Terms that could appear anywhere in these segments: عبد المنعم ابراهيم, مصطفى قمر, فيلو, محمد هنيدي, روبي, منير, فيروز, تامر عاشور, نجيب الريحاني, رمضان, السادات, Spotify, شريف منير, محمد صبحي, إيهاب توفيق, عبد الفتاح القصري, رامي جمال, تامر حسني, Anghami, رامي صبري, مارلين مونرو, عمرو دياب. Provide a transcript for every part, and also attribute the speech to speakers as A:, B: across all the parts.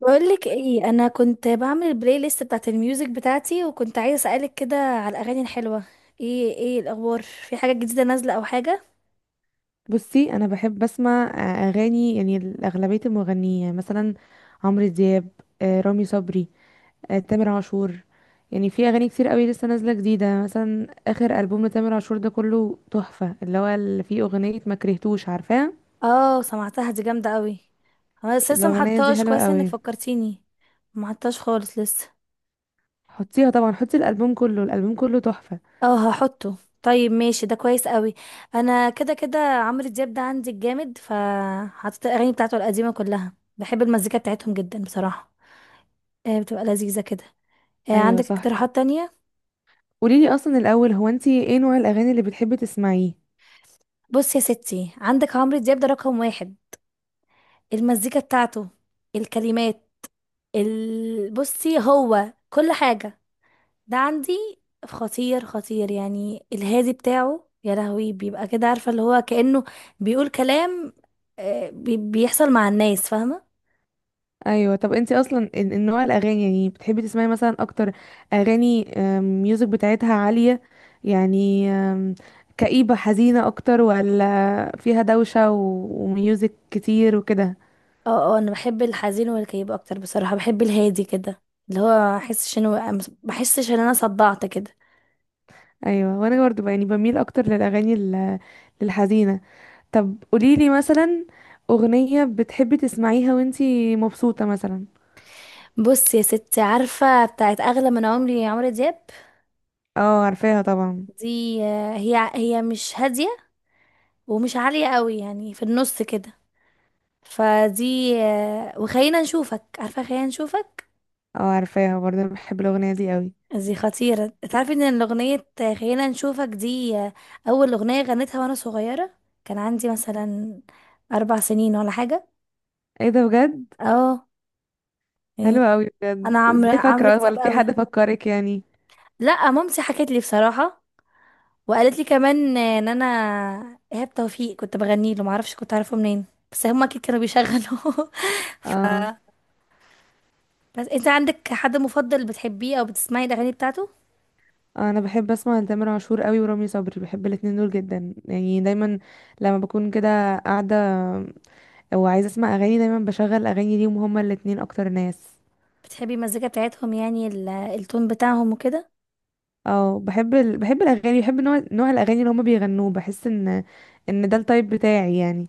A: بقولك ايه، انا كنت بعمل البلاي ليست بتاعت الميوزك بتاعتي وكنت عايزه اسالك كده على الاغاني الحلوه. ايه الاخبار، في حاجه جديده نازله او حاجه؟
B: بصي انا بحب اسمع اغاني. يعني اغلبيه المغنيين يعني مثلا عمرو دياب، رامي صبري، تامر عاشور. يعني في اغاني كتير قوي لسه نازله جديده، مثلا اخر البوم لتامر عاشور ده كله تحفه، اللي هو اللي فيه اغنيه ما كرهتوش، عارفاه؟
A: اه، سمعتها دي جامده قوي. انا بس لسه
B: الاغنيه دي
A: محطاش
B: حلوه
A: كويس، انك
B: قوي.
A: فكرتيني. محطاش خالص لسه.
B: حطيها طبعا، حطي الالبوم كله، الالبوم كله تحفه.
A: اه، هحطه. طيب ماشي، ده كويس قوي. انا كده كده عمرو دياب ده عندي الجامد، فحطيت الاغاني بتاعته القديمه كلها. بحب المزيكا بتاعتهم جدا بصراحه. آه، بتبقى لذيذه كده. آه،
B: ايوه
A: عندك
B: صح.
A: اقتراحات تانية؟
B: قوليلي اصلا الاول، هو انتي ايه نوع الاغاني اللي بتحبي تسمعيه؟
A: بص يا ستي، عندك عمرو دياب ده رقم واحد. المزيكا بتاعته، الكلمات، بصي هو كل حاجة. ده عندي خطير خطير، يعني الهادي بتاعه، يا لهوي، بيبقى كده، عارفة، اللي هو كأنه بيقول كلام بيحصل مع الناس، فاهمة.
B: ايوه. طب انت اصلا النوع الاغاني يعني بتحبي تسمعي مثلا اكتر؟ اغاني ميوزك بتاعتها عاليه يعني، كئيبه حزينه اكتر، ولا فيها دوشه وميوزك كتير وكده؟
A: اه اه، انا بحب الحزين والكئيب اكتر بصراحة، بحب الهادي كده، اللي هو احسش انه بحسش ان انا صدعت كده.
B: ايوه، وانا برضو يعني بميل اكتر للاغاني للحزينه. طب قوليلي مثلا اغنيه بتحبي تسمعيها وانت مبسوطه مثلا.
A: بص يا ستي، عارفة بتاعت اغلى من عمري، عمرو دياب؟
B: اه عارفاها طبعا.
A: دي هي مش هادية، ومش عالية قوي، يعني في النص كده. فدي وخلينا نشوفك، عارفة خلينا نشوفك.
B: اه عارفاها برضه، أنا بحب الاغنيه دي قوي.
A: دي خطيرة، تعرفي ان الأغنية خلينا نشوفك دي أول أغنية غنيتها وأنا صغيرة. كان عندي مثلا 4 سنين ولا حاجة.
B: ايه ده، بجد؟
A: اه، يعني.
B: حلو قوي بجد.
A: أنا عمرو
B: ازاي
A: عمرو
B: فاكره، ولا
A: دياب
B: في
A: قوي.
B: حد فكرك يعني؟
A: لا، مامتي حكت لي بصراحة، وقالت لي كمان ان انا إيهاب توفيق كنت بغني له، معرفش كنت عارفه منين. بس هما اكيد كانوا بيشغلوا. ف،
B: اه
A: بس انت عندك حد مفضل بتحبيه او بتسمعي الاغاني بتاعته؟
B: انا بحب اسمع تامر عاشور قوي ورامي صبري، بحب الاتنين دول جدا يعني. دايما لما بكون كده قاعده وعايزه اسمع اغاني دايما بشغل اغاني ليهم، هما الاتنين اكتر ناس.
A: بتحبي المزيكا بتاعتهم يعني التون بتاعهم وكده؟
B: اه بحب بحب الاغاني، بحب نوع الاغاني اللي هما بيغنوه، بحس ان ان ده التايب بتاعي يعني.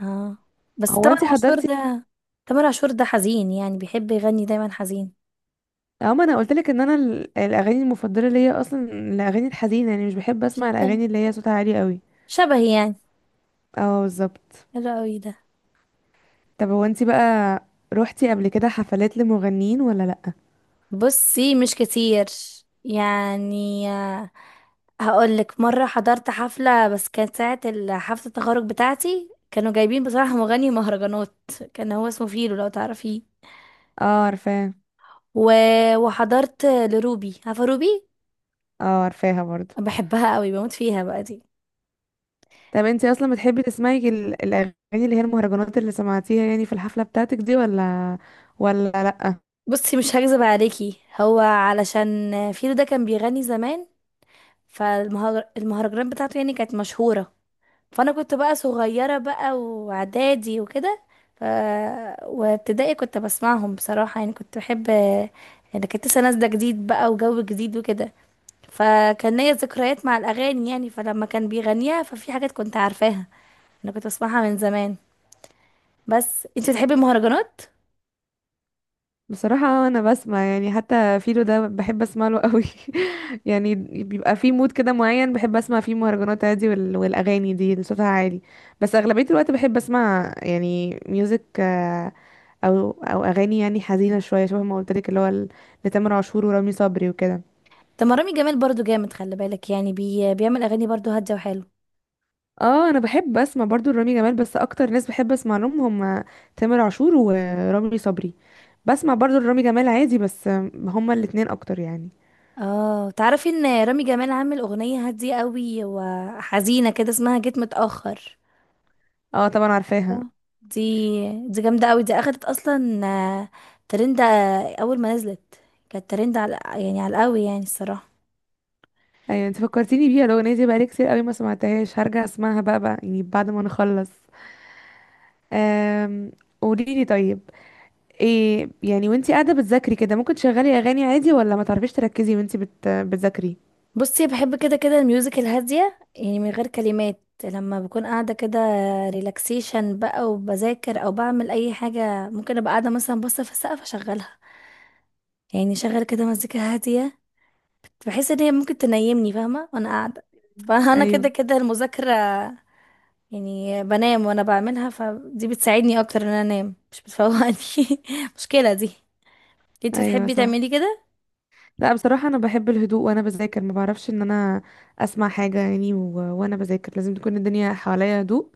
A: اه بس
B: هو
A: تامر
B: انت
A: عاشور
B: حضرتي.
A: ده، تامر عاشور ده حزين، يعني بيحب يغني دايما حزين.
B: اه ما انا قلت لك ان انا الاغاني المفضله ليا اصلا الاغاني الحزينه يعني، مش بحب اسمع
A: شبهي،
B: الاغاني اللي هي صوتها عالي قوي.
A: شبهي يعني.
B: اه بالظبط.
A: حلو قوي ده.
B: طب هو انتي بقى روحتي قبل كده حفلات لمغنيين ولا لأ؟
A: بصي مش كتير يعني، هقول لك. مره حضرت حفله، بس كانت ساعه حفله التخرج بتاعتي، كانوا جايبين بصراحه مغني مهرجانات. كان هو اسمه فيلو، لو تعرفيه.
B: اه عارفاه.
A: و... وحضرت لروبي، عارفه روبي؟
B: اه عارفاها برضو.
A: بحبها قوي، بموت فيها بقى دي.
B: طب انتي اصلا بتحبي تسمعي الاغاني اللي هي المهرجانات اللي سمعتيها يعني في الحفلة بتاعتك دي، ولا لأ؟
A: بصي مش هكذب عليكي، هو علشان فيلو ده كان بيغني زمان، فالمهرجانات بتاعته يعني كانت مشهورة. فأنا كنت بقى صغيرة بقى، وإعدادي وكده، ف... وابتدائي كنت بسمعهم بصراحة، يعني كنت بحب. يعني كانت لسه نازلة جديد بقى، وجو جديد وكده، فكان ليا ذكريات مع الأغاني يعني. فلما كان بيغنيها، ففي حاجات كنت عارفاها، أنا كنت بسمعها من زمان. بس انت بتحبي المهرجانات؟
B: بصراحة أنا بسمع، يعني حتى فيلو ده بحب أسمع له قوي يعني. بيبقى في مود كده معين بحب أسمع فيه مهرجانات عادي والأغاني دي اللي صوتها عالي. بس أغلبية الوقت بحب أسمع يعني ميوزك، أو أغاني يعني حزينة شوية، شبه ما قلتلك اللي هو لتامر عاشور ورامي صبري وكده.
A: طب ما رامي جمال برضو جامد، خلي بالك يعني، بيعمل اغاني برضو هاديه وحلو.
B: اه انا بحب اسمع برضو رامي جمال، بس اكتر ناس بحب اسمع لهم هم تامر عاشور ورامي صبري. بسمع برضو رامي جمال عادي بس هم الاتنين اكتر يعني.
A: اه، تعرفي ان رامي جمال عامل اغنيه هاديه قوي وحزينه كده، اسمها جيت متاخر؟
B: اه طبعا
A: صح.
B: عارفاها.
A: دي جامده قوي. دي اخدت اصلا ترند اول ما نزلت. كانت ترند على، يعني على القوي يعني الصراحه.
B: ايوه انت فكرتيني بيها، الاغنيه دي بقالي كتير قوي ما سمعتهاش، هرجع اسمعها بقى يعني بعد ما نخلص. أم... قولي لي طيب، ايه يعني وانتي قاعده بتذاكري كده ممكن تشغلي اغاني عادي، ولا ما تعرفيش تركزي وانتي بتذاكري؟
A: بصي بحب كده كده الميوزك الهاديه، يعني من غير كلمات، لما بكون قاعده كده ريلاكسيشن بقى، وبذاكر او بعمل اي حاجه. ممكن ابقى قاعده مثلا باصه في السقف، اشغلها، يعني شغل كده مزيكا هادية. بحس ان هي ممكن تنيمني، فاهمة، وانا قاعدة. فانا كده
B: ايوه.
A: كده المذاكرة يعني بنام وانا بعملها، فدي بتساعدني اكتر ان انا انام، مش بتفوقني. مشكلة دي. انت
B: ايوه
A: بتحبي
B: صح.
A: تعملي كده؟
B: لا بصراحه انا بحب الهدوء وانا بذاكر، ما بعرفش ان انا اسمع حاجه يعني. وانا بذاكر لازم تكون الدنيا حواليا هدوء،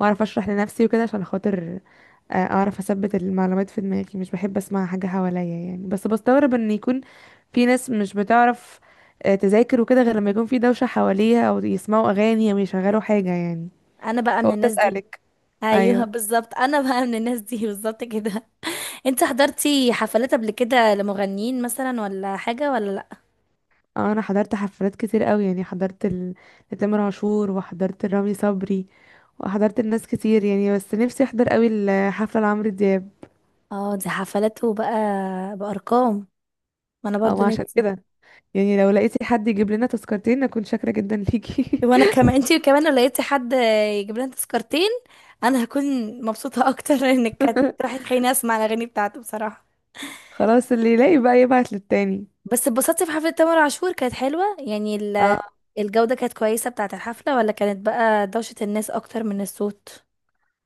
B: واعرف اشرح لنفسي وكده عشان خاطر اعرف اثبت المعلومات في دماغي. مش بحب اسمع حاجة حواليا يعني. بس بستغرب ان يكون في ناس مش بتعرف تذاكر وكده غير لما يكون في دوشة حواليها، او يسمعوا اغاني او يشغلوا حاجة يعني.
A: انا بقى من
B: فقلت
A: الناس دي.
B: اسألك.
A: ايوه
B: ايوه.
A: بالظبط، انا بقى من الناس دي. بالظبط كده. انت حضرتي حفلات قبل كده لمغنيين مثلا، ولا حاجة، ولا لا؟
B: انا حضرت حفلات كتير قوي يعني. حضرت لتامر عاشور، وحضرت لرامي صبري، وحضرت الناس كتير يعني، بس نفسي احضر قوي الحفلة لعمرو دياب
A: اه دي حفلاته بقى، بأرقام. ما انا
B: او
A: برضو
B: عشان
A: نفسي.
B: كده. يعني لو لقيتي حد يجيب لنا تذكرتين اكون شاكرة جدا ليكي.
A: وانا كمان، انتي كمان لو لقيتي حد يجيب لنا تذكرتين، انا هكون مبسوطه اكتر. انك كانت راح تخليني اسمع الاغاني بتاعته بصراحه.
B: خلاص اللي يلاقي بقى يبعت للتاني.
A: بس اتبسطتي في حفله تامر عاشور، كانت حلوه يعني
B: اه.
A: الجوده كانت كويسه بتاعه الحفله؟ ولا كانت بقى دوشه الناس اكتر من الصوت؟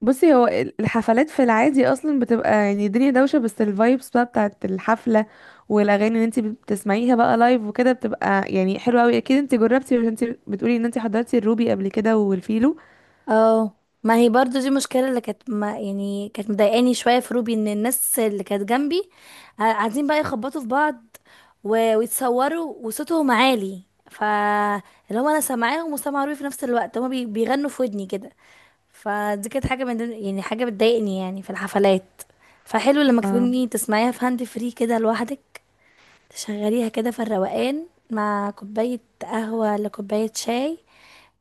B: بصي هو الحفلات في العادي اصلا بتبقى يعني الدنيا دوشه، بس الفايبس بقى بتاعت الحفله والاغاني اللي انت بتسمعيها بقى لايف وكده بتبقى يعني حلوه قوي. اكيد انت جربتي عشان انت بتقولي ان انت حضرتي الروبي قبل كده والفيلو.
A: اه، ما هي برضو دي مشكلة اللي كانت، ما يعني كانت مضايقاني شوية في روبي، ان الناس اللي كانت جنبي قاعدين بقى يخبطوا في بعض، ويتصوروا وصوتهم عالي. ف، اللي هو انا سامعاهم وسامعة روبي في نفس الوقت، هما بيغنوا في ودني كده. فدي كانت حاجة من ضمن، يعني حاجة بتضايقني يعني في الحفلات. فحلو لما
B: اه.
A: تكوني تسمعيها في هاند فري كده لوحدك، تشغليها كده في الروقان، مع كوباية قهوة ولا كوباية شاي،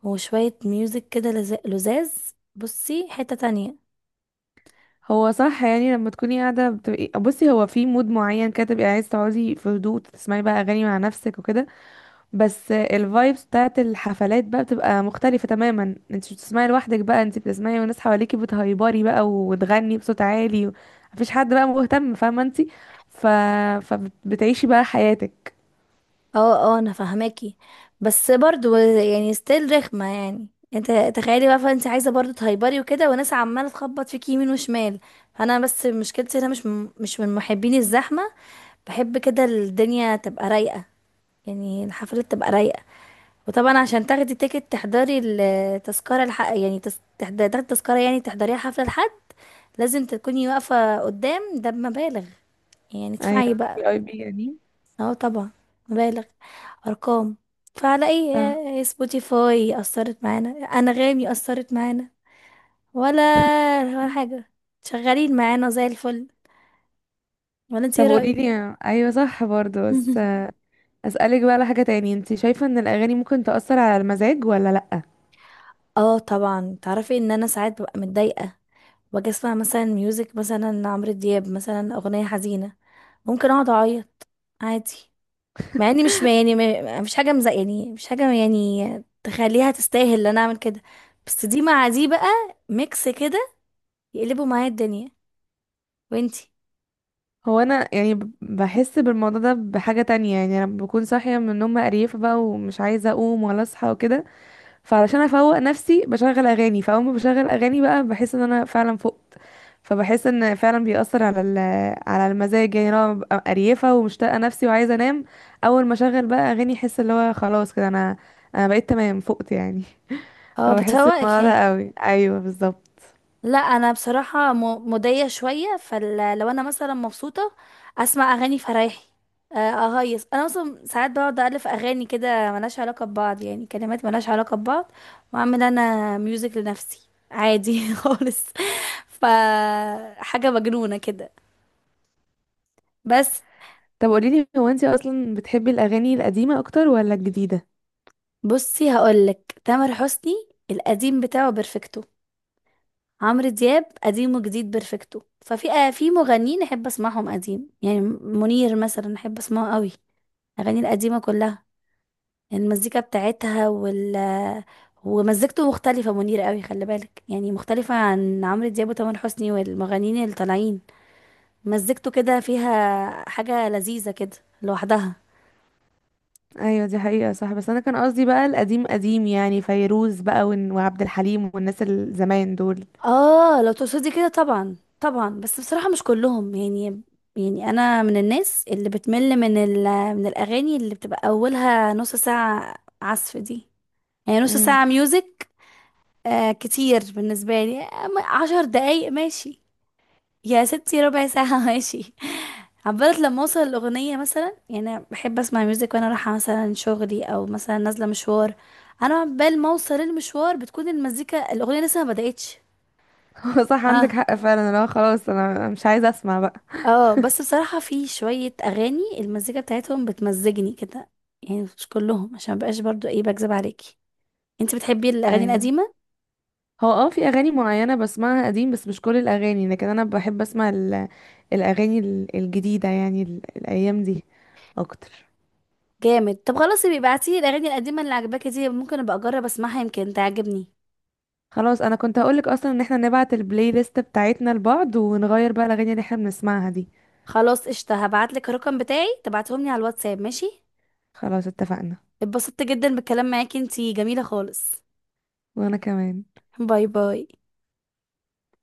A: وشوية ميوزك كده لزاز. بصي حتة تانية.
B: هو صح يعني، لما تكوني قاعده بتبقي، بصي هو في مود معين كده تبقي عايز تقعدي في هدوء تسمعي بقى اغاني مع نفسك وكده. بس الفايبس بتاعت الحفلات بقى بتبقى مختلفة تماما. انت مش بتسمعي لوحدك بقى، انت بتسمعي وناس حواليكي بتهيبري بقى وتغني بصوت عالي، مفيش حد بقى مهتم، فاهمة انت؟ ف... فبتعيشي بقى حياتك.
A: اه اه انا فاهماكي، بس برضو يعني ستيل رخمة يعني. انت تخيلي بقى، فانت عايزة برضو تهيبري وكده، وناس عمالة تخبط فيكي يمين وشمال. فانا بس مشكلتي، انا مش مش من محبين الزحمة. بحب كده الدنيا تبقى رايقة، يعني الحفلة تبقى رايقة. وطبعا عشان تاخدي تيكت، تحضري التذكرة الحق يعني، تاخدي تذكرة، يعني تحضريها حفلة لحد، لازم تكوني واقفة قدام. ده بمبالغ، يعني ادفعي
B: ايوه،
A: بقى.
B: في اي بي يعني.
A: اه طبعا، مبالغ، ارقام. فعلى
B: اه.
A: اي، سبوتيفاي اثرت معانا، انغامي اثرت معانا، ولا ولا حاجه؟ شغالين معانا زي الفل، ولا انت ايه
B: طب
A: رايك؟
B: قوليلي، ايوه صح برضه، بس اسألك بقى على حاجة تاني، انت شايفة ان الاغاني ممكن تأثر على المزاج ولا لا؟
A: اه طبعا، تعرفي ان انا ساعات ببقى متضايقه، واجي اسمع مثلا ميوزك، مثلا عمرو دياب، مثلا اغنيه حزينه، ممكن اقعد اعيط، عادي. مع اني مش يعني، مش حاجه مزق، يعني مش حاجه يعني تخليها تستاهل ان انا اعمل كده. بس دي مع دي بقى، ميكس كده، يقلبوا معايا الدنيا. وانتي؟
B: هو انا يعني بحس بالموضوع ده بحاجة تانية يعني. انا بكون صاحية من النوم مقريفة بقى ومش عايزة اقوم ولا اصحى وكده، فعلشان افوق نفسي بشغل اغاني، فاول ما بشغل اغاني بقى بحس ان انا فعلا فقت. فبحس ان فعلا بيأثر على على المزاج يعني. انا ببقى قريفه ومشتاقه نفسي وعايزه انام، اول ما اشغل بقى اغاني احس اللي هو خلاص كده انا بقيت تمام، فقت يعني.
A: اه
B: فبحس
A: بتفوقك
B: بالموضوع
A: يعني.
B: ده قوي. ايوه بالظبط.
A: لا انا بصراحه موديه شويه. فلو انا مثلا مبسوطه، اسمع اغاني فرايحي آه، اهيص. انا اصلا ساعات بقعد الف اغاني كده ملهاش علاقه ببعض، يعني كلمات ملهاش علاقه ببعض، واعمل انا ميوزك لنفسي عادي. خالص. ف، حاجه مجنونه كده بس.
B: طب قوليلي، هو انتي اصلا بتحبي الاغاني القديمه اكتر ولا الجديده؟
A: بصي هقولك، تامر حسني القديم بتاعه بيرفكتو. عمرو دياب قديم وجديد بيرفكتو. ففي آه، في مغنيين احب اسمعهم قديم، يعني منير مثلا احب اسمعه قوي. الاغاني القديمه كلها، المزيكا بتاعتها، وال، ومزيكته مختلفه، منير قوي خلي بالك يعني، مختلفه عن عمرو دياب وتامر حسني والمغنيين اللي طالعين. مزيكته كده فيها حاجه لذيذه كده لوحدها.
B: ايوه دي حقيقه صح، بس انا كان قصدي بقى القديم قديم يعني، فيروز بقى وعبد الحليم والناس الزمان دول.
A: اه لو تقصدي كده، طبعا طبعا، بس بصراحة مش كلهم يعني. يعني انا من الناس اللي بتمل من ال، من الاغاني اللي بتبقى اولها نص ساعة عزف دي، يعني نص ساعة ميوزك. آه كتير بالنسبة لي. 10 دقايق ماشي، يا ستي ربع ساعة ماشي، عبالة لما اوصل الاغنية مثلا. يعني أنا بحب اسمع ميوزك وانا رايحة مثلا شغلي، او مثلا نازلة مشوار، انا عبال ما اوصل المشوار بتكون المزيكا الاغنية لسه ما بدأتش.
B: هو صح، عندك حق فعلا. لا خلاص انا مش عايزه اسمع بقى.
A: اه بس بصراحة في شوية أغاني المزيكا بتاعتهم بتمزجني كده، يعني مش كلهم، عشان مبقاش برضو ايه، بكذب عليكي. انت بتحبي الأغاني
B: ايوه.
A: القديمة؟
B: هو اه في اغاني معينه بسمعها قديم، بس مش كل الاغاني. لكن انا بحب اسمع الاغاني الجديده يعني الايام دي اكتر.
A: جامد. طب خلاص يبقى ابعتي الأغاني القديمة اللي عجباكي دي، ممكن ابقى اجرب اسمعها يمكن تعجبني.
B: خلاص انا كنت هقولك اصلا ان احنا نبعت البلاي ليست بتاعتنا لبعض ونغير بقى الاغاني اللي احنا بنسمعها دي.
A: خلاص قشطة، هبعتلك الرقم بتاعي، تبعتهم لي على الواتساب، ماشي؟
B: خلاص اتفقنا.
A: اتبسطت جدا بالكلام معاكي، انتي جميلة خالص.
B: وانا كمان.
A: باي باي.